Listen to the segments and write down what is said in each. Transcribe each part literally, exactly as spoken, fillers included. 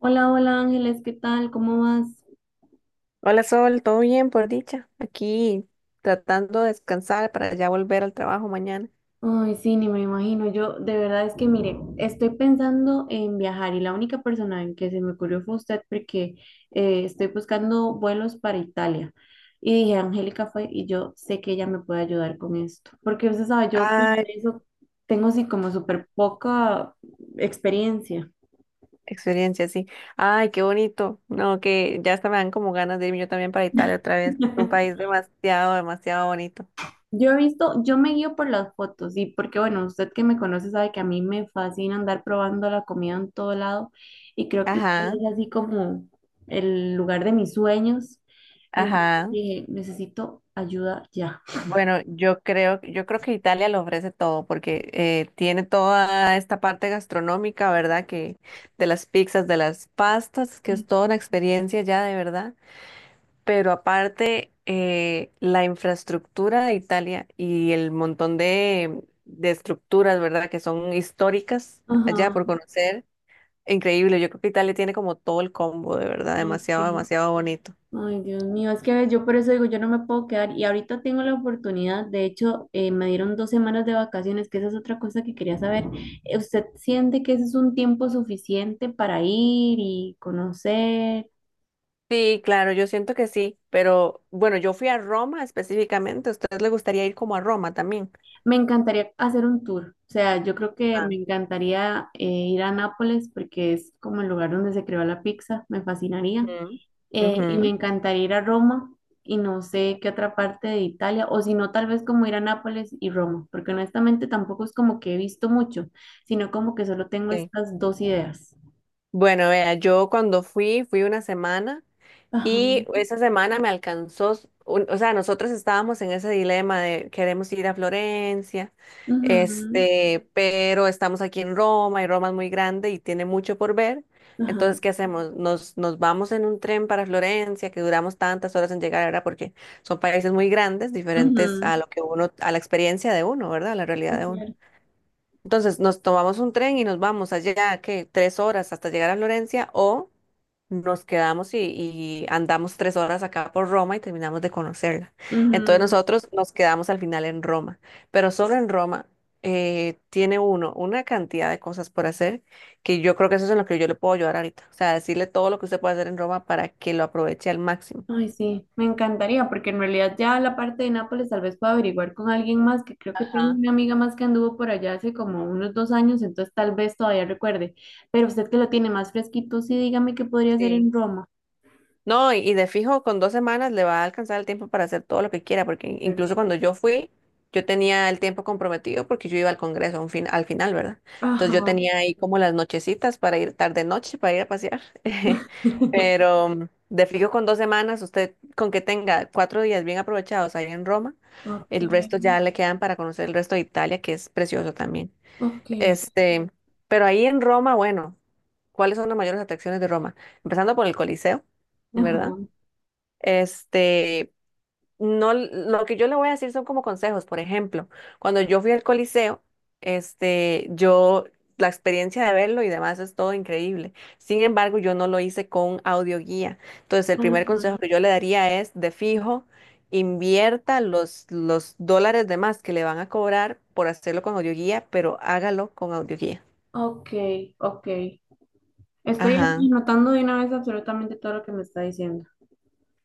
Hola, hola Ángeles, ¿qué tal? ¿Cómo vas? Hola Sol, ¿todo bien por dicha? Aquí tratando de descansar para ya volver al trabajo mañana. Ay, sí, ni me imagino. Yo de verdad es que, mire, estoy pensando en viajar y la única persona en que se me ocurrió fue usted porque eh, estoy buscando vuelos para Italia. Y dije, Angélica fue y yo sé que ella me puede ayudar con esto. Porque usted sabe, yo para Ay, eso tengo así como súper poca experiencia. experiencia, sí. Ay, qué bonito. No, que ya hasta me dan como ganas de irme yo también para Italia otra vez. Un país demasiado, demasiado bonito. Yo he visto, yo me guío por las fotos y porque, bueno, usted que me conoce sabe que a mí me fascina andar probando la comida en todo lado y creo que Italia Ajá, es así como el lugar de mis sueños. Entonces ajá. dije, necesito ayuda ya. Bueno, yo creo, yo creo que Italia lo ofrece todo porque eh, tiene toda esta parte gastronómica, ¿verdad? Que de las pizzas, de las pastas, que es Sí. toda una experiencia ya de verdad. Pero aparte, eh, la infraestructura de Italia y el montón de, de estructuras, ¿verdad? Que son históricas allá Ajá, por conocer. Increíble. Yo creo que Italia tiene como todo el combo, de verdad. ok. Demasiado, demasiado bonito. Ay, Dios mío, es que ves, yo por eso digo, yo no me puedo quedar y ahorita tengo la oportunidad, de hecho, eh, me dieron dos semanas de vacaciones, que esa es otra cosa que quería saber. Eh, ¿Usted siente que ese es un tiempo suficiente para ir y conocer? Sí, claro, yo siento que sí. Pero bueno, yo fui a Roma específicamente. ¿A ustedes les gustaría ir como a Roma también? Me encantaría hacer un tour, o sea, yo creo que Ah. me encantaría eh, ir a Nápoles porque es como el lugar donde se creó la pizza, me fascinaría. Ujú, eh, Y me ujú, encantaría ir a Roma y no sé qué otra parte de Italia, o si no, tal vez como ir a Nápoles y Roma, porque honestamente tampoco es como que he visto mucho, sino como que solo tengo sí. estas dos ideas. Bueno, vea, yo cuando fui, fui una semana. Ajá, Y esa semana me alcanzó, un- o sea, nosotros estábamos en ese dilema de queremos ir a Florencia, ujú, este, pero estamos aquí en Roma y Roma es muy grande y tiene mucho por ver. Entonces, ajá, ¿qué hacemos? Nos, nos vamos en un tren para Florencia, que duramos tantas horas en llegar, ¿verdad? Porque son países muy grandes, diferentes ujú, a lo que uno, a la experiencia de uno, ¿verdad? A la realidad sí, de uno. claro. Entonces nos tomamos un tren y nos vamos allá, ¿qué? Tres horas hasta llegar a Florencia o nos quedamos y, y andamos tres horas acá por Roma y terminamos de conocerla. Entonces Ujú. nosotros nos quedamos al final en Roma, pero solo en Roma eh, tiene uno una cantidad de cosas por hacer que yo creo que eso es en lo que yo le puedo ayudar ahorita. O sea, decirle todo lo que usted puede hacer en Roma para que lo aproveche al máximo. Ay, sí, me encantaría, porque en realidad ya la parte de Nápoles tal vez pueda averiguar con alguien más, que creo que tengo Ajá, una amiga más que anduvo por allá hace como unos dos años, entonces tal vez todavía recuerde. Pero usted que lo tiene más fresquito, sí, dígame qué podría hacer sí. en Roma. No, y, y de fijo, con dos semanas le va a alcanzar el tiempo para hacer todo lo que quiera, porque Súper incluso bien. cuando yo fui, yo tenía el tiempo comprometido porque yo iba al Congreso a un fin, al final, ¿verdad? Entonces Ajá. yo tenía ahí como las nochecitas para ir tarde noche, para ir a pasear. Pero mm, de fijo, con dos semanas, usted con que tenga cuatro días bien aprovechados ahí en Roma, Ok, el resto ya le quedan para conocer el resto de Italia, que es precioso también. ok. Este, pero ahí en Roma, bueno, ¿cuáles son las mayores atracciones de Roma? Empezando por el Coliseo. Ajá. ¿Verdad? Este, no, lo que yo le voy a decir son como consejos. Por ejemplo, cuando yo fui al Coliseo, este, yo, la experiencia de verlo y demás es todo increíble. Sin embargo, yo no lo hice con audioguía. Entonces, el primer consejo Ajá. que yo le daría es, de fijo, invierta los, los dólares de más que le van a cobrar por hacerlo con audioguía, pero hágalo con audioguía. Ok, ok. Estoy Ajá. anotando de una vez absolutamente todo lo que me está diciendo.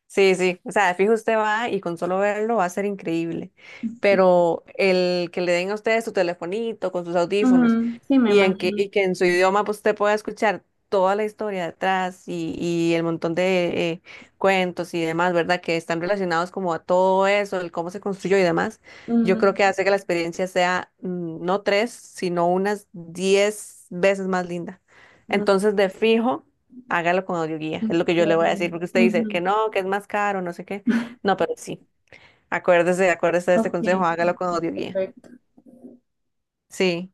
Sí, sí, o sea, de fijo usted va y con solo verlo va a ser increíble, Ok. pero el que le den a usted su telefonito con sus audífonos Ujú, sí, me y, en que, imagino. y que en su idioma pues, usted pueda escuchar toda la historia detrás y, y el montón de eh, cuentos y demás, ¿verdad? Que están relacionados como a todo eso, el cómo se construyó y demás, yo Ujú, creo que hace que la experiencia sea mm, no tres, sino unas diez veces más linda. ujú, Entonces, de fijo. Hágalo con audioguía, es lo que yo le voy a decir, porque usted dice ujú, que no, que es más caro, no sé qué. No, pero sí, acuérdese, acuérdese de este ok, consejo, hágalo con ok, audioguía. perfecto. Sí.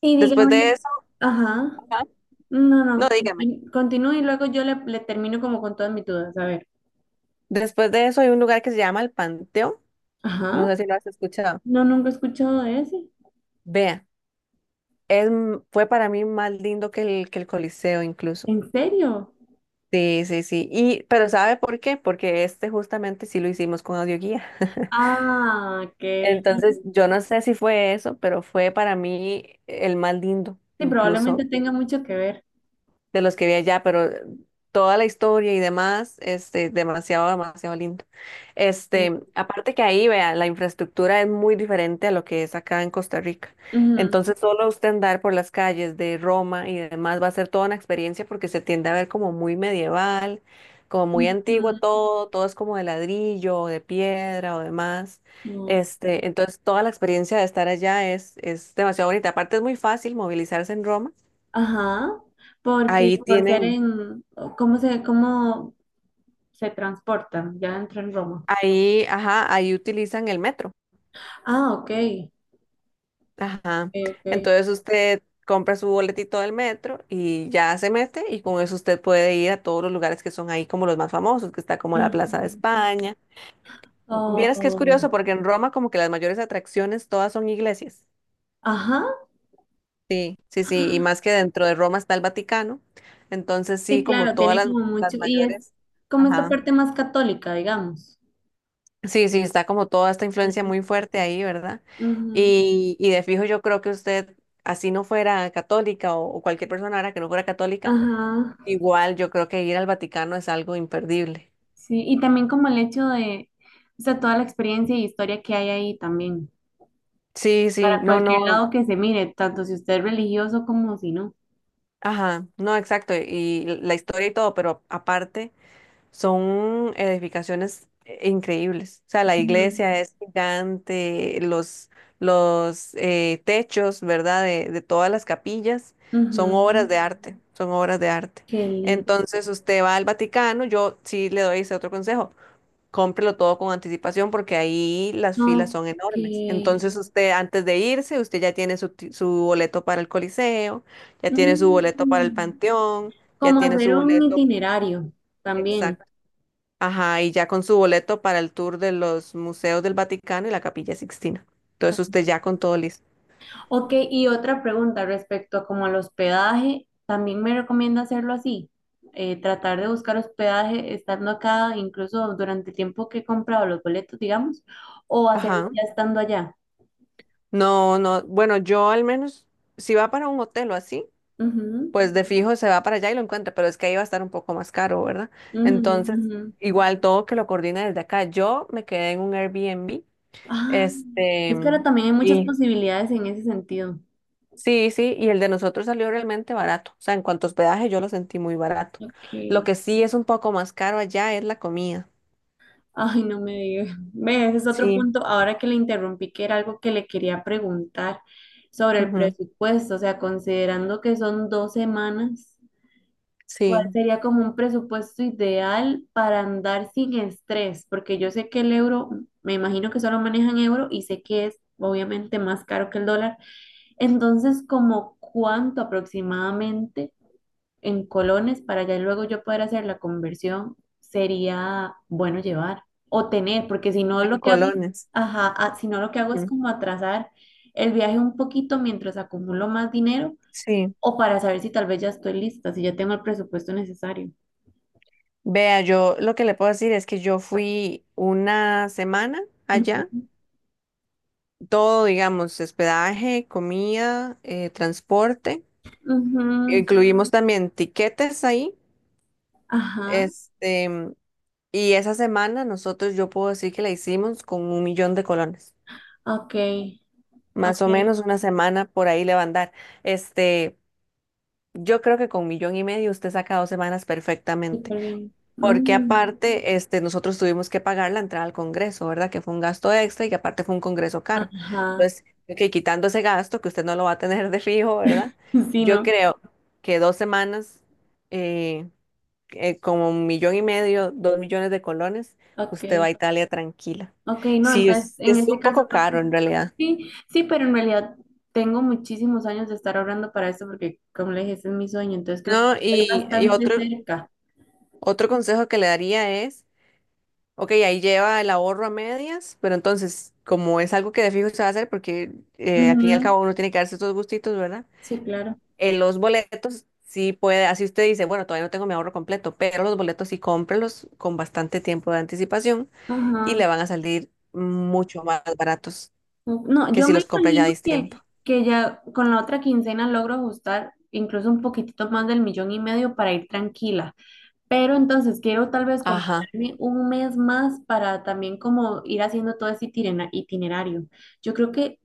Y Después de dígame, eso, ajá. ajá. No, No, no. dígame. continú- Continúe y luego yo le, le termino como con todas mis dudas. A ver. Después de eso hay un lugar que se llama el Panteón, no Ajá. sé si lo has escuchado. No, nunca he escuchado de ese. Vea, es, m- fue para mí más lindo que el, que el Coliseo incluso. ¿En serio? Sí, sí, sí. Y, pero ¿sabe por qué? Porque este justamente sí lo hicimos con audioguía. Ah, ok. Entonces, yo no sé si fue eso, pero fue para mí el más lindo, Sí, probablemente incluso, tenga mucho que ver. de los que vi allá, pero toda la historia y demás, este, demasiado, demasiado lindo. Mm, Este, aparte que ahí, vea, la infraestructura es muy diferente a lo que es acá en Costa Rica. ujú, Entonces, solo usted andar por las calles de Roma y demás va a ser toda una experiencia porque se tiende a ver como muy medieval, como muy antiguo todo, todo es como de ladrillo, o de piedra o demás. ujú, mm, Este, entonces toda la experiencia de estar allá es, es demasiado bonita. Aparte es muy fácil movilizarse en Roma. ajá, Ahí porque por ser tienen, en, ¿cómo se, cómo se transportan? Ya entró en Roma. Ahí, ajá, ahí utilizan el metro. Ah, ok, Ajá. ok, ok. Entonces usted compra su boletito del metro y ya se mete y con eso usted puede ir a todos los lugares que son ahí como los más famosos, que está como la Plaza de Ujú. España. Vieras que es Oh, curioso porque en Roma como que las mayores atracciones todas son iglesias. ajá, Sí, sí, sí, y más que dentro de Roma está el Vaticano. Entonces sí, sí, como claro, todas tiene las, como las mucho, y es mayores, como esta ajá. parte más católica, digamos. Sí, sí, está como toda esta influencia Ujú, muy fuerte ahí, ¿verdad? ujú, Y, y de fijo yo creo que usted, así no fuera católica o, o cualquier persona ahora que no fuera católica, ajá, igual yo creo que ir al Vaticano es algo imperdible. sí, y también como el hecho de, o sea, toda la experiencia y historia que hay ahí también. Sí, sí, Para no, cualquier no, lado que se mire, tanto si usted es religioso como si no. ajá, no, exacto, y la historia y todo, pero aparte, son edificaciones eh, increíbles. O sea, la Ujú, iglesia es gigante, los, los eh, techos, ¿verdad? De, de todas las capillas son obras ujú. de arte, son obras de arte. Qué lindo. Entonces usted va al Vaticano, yo sí le doy ese otro consejo, cómprelo todo con anticipación porque ahí las filas son Ok. enormes. Entonces usted antes de irse, usted ya tiene su, ti- su boleto para el Coliseo, ya tiene su boleto para el Mm, Panteón, ya como tiene su hacer un boleto. itinerario también. Exacto. Ajá, y ya con su boleto para el tour de los museos del Vaticano y la Capilla Sixtina. Entonces usted ya con todo listo. Ok, y otra pregunta respecto a como al hospedaje, ¿también me recomienda hacerlo así? Eh, tratar de buscar hospedaje estando acá, incluso durante el tiempo que he comprado los boletos, digamos, o hacerlo Ajá. ya estando allá. No, no, bueno, yo al menos, si va para un hotel o así, Ujú, pues de fijo se va para allá y lo encuentra, pero es que ahí va a estar un poco más caro, ¿verdad? ujú, Entonces, ujú. igual todo que lo coordine desde acá. Yo me quedé en un Airbnb, Ah, este, es que ahora también hay muchas y posibilidades en ese sentido. sí, sí, y el de nosotros salió realmente barato. O sea, en cuanto a hospedaje, yo lo sentí muy barato. Ok. Lo que sí es un poco más caro allá es la comida. Ay, no me digas. Ve, ese es otro Sí. punto. Ahora que le interrumpí, que era algo que le quería preguntar sobre el Ujú, presupuesto. O sea, considerando que son dos semanas, ¿cuál sí, sería como un presupuesto ideal para andar sin estrés? Porque yo sé que el euro, me imagino que solo manejan euro y sé que es obviamente más caro que el dólar. Entonces, ¿como cuánto aproximadamente? En colones para ya luego yo poder hacer la conversión, sería bueno llevar o tener, porque si no en lo que hago, colones. ajá, ah, si no lo que hago es Ujú, como atrasar el viaje un poquito mientras acumulo más dinero sí. o para saber si tal vez ya estoy lista, si ya tengo el presupuesto necesario. Vea, yo lo que le puedo decir es que yo fui una semana allá, Ujú, todo, digamos, hospedaje, comida, eh, transporte, ujú, incluimos también tiquetes ahí, ajá, este, y esa semana nosotros yo puedo decir que la hicimos con un millón de colones, ok, más o ok, menos una semana por ahí le va a andar, este, yo creo que con un millón y medio usted saca dos semanas perfectamente. súper bien. Porque Mm, aparte, este, nosotros tuvimos que pagar la entrada al Congreso, ¿verdad? Que fue un gasto extra y que aparte fue un Congreso caro. ajá, Entonces, que quitando ese gasto, que usted no lo va a tener de fijo, ¿verdad? sí, Yo no, creo que dos semanas, eh, eh, como un millón y medio, dos millones de colones, ok, usted va a Italia tranquila. ok, no, Sí, entonces es, en es este un caso poco creo caro en realidad. sí, sí, pero en realidad tengo muchísimos años de estar orando para esto porque, como le dije, ese es mi sueño, entonces creo que No, estoy y, y bastante otro, cerca. otro consejo que le daría es: ok, ahí lleva el ahorro a medias, pero entonces, como es algo que de fijo se va a hacer, porque eh, al fin y al Ujú, cabo uno tiene que darse estos gustitos, ¿verdad? sí, claro. En los boletos sí puede, así usted dice, bueno, todavía no tengo mi ahorro completo, pero los boletos sí cómprelos con bastante tiempo de anticipación y Ajá. le van a salir mucho más baratos Ok. No, que yo si me los compra ya imagino a tiempo. que, que ya con la otra quincena logro ajustar incluso un poquitito más del millón y medio para ir tranquila, pero entonces quiero tal vez Ajá, comprarme un mes más para también como ir haciendo todo ese itinera- itinerario. Yo creo que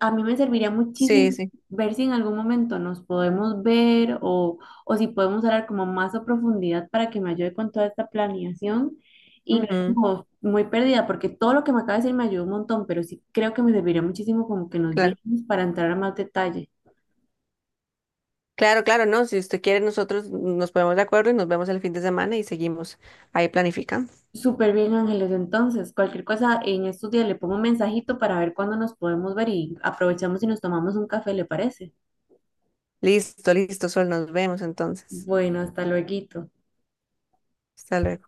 a mí me serviría muchísimo sí, sí. ver si en algún momento nos podemos ver o, o si podemos hablar como más a profundidad para que me ayude con toda esta planeación y no ir Ujú, como muy perdida, porque todo lo que me acaba de decir me ayudó un montón, pero sí creo que me serviría muchísimo como que nos claro. viéramos para entrar a más detalle. Claro, claro, no, si usted quiere, nosotros nos ponemos de acuerdo y nos vemos el fin de semana y seguimos ahí planificando. Súper bien, Ángeles. Entonces, cualquier cosa en estos días le pongo un mensajito para ver cuándo nos podemos ver y aprovechamos y nos tomamos un café, ¿le parece? Listo, listo, Sol, nos vemos entonces. Bueno, hasta luego. Hasta luego.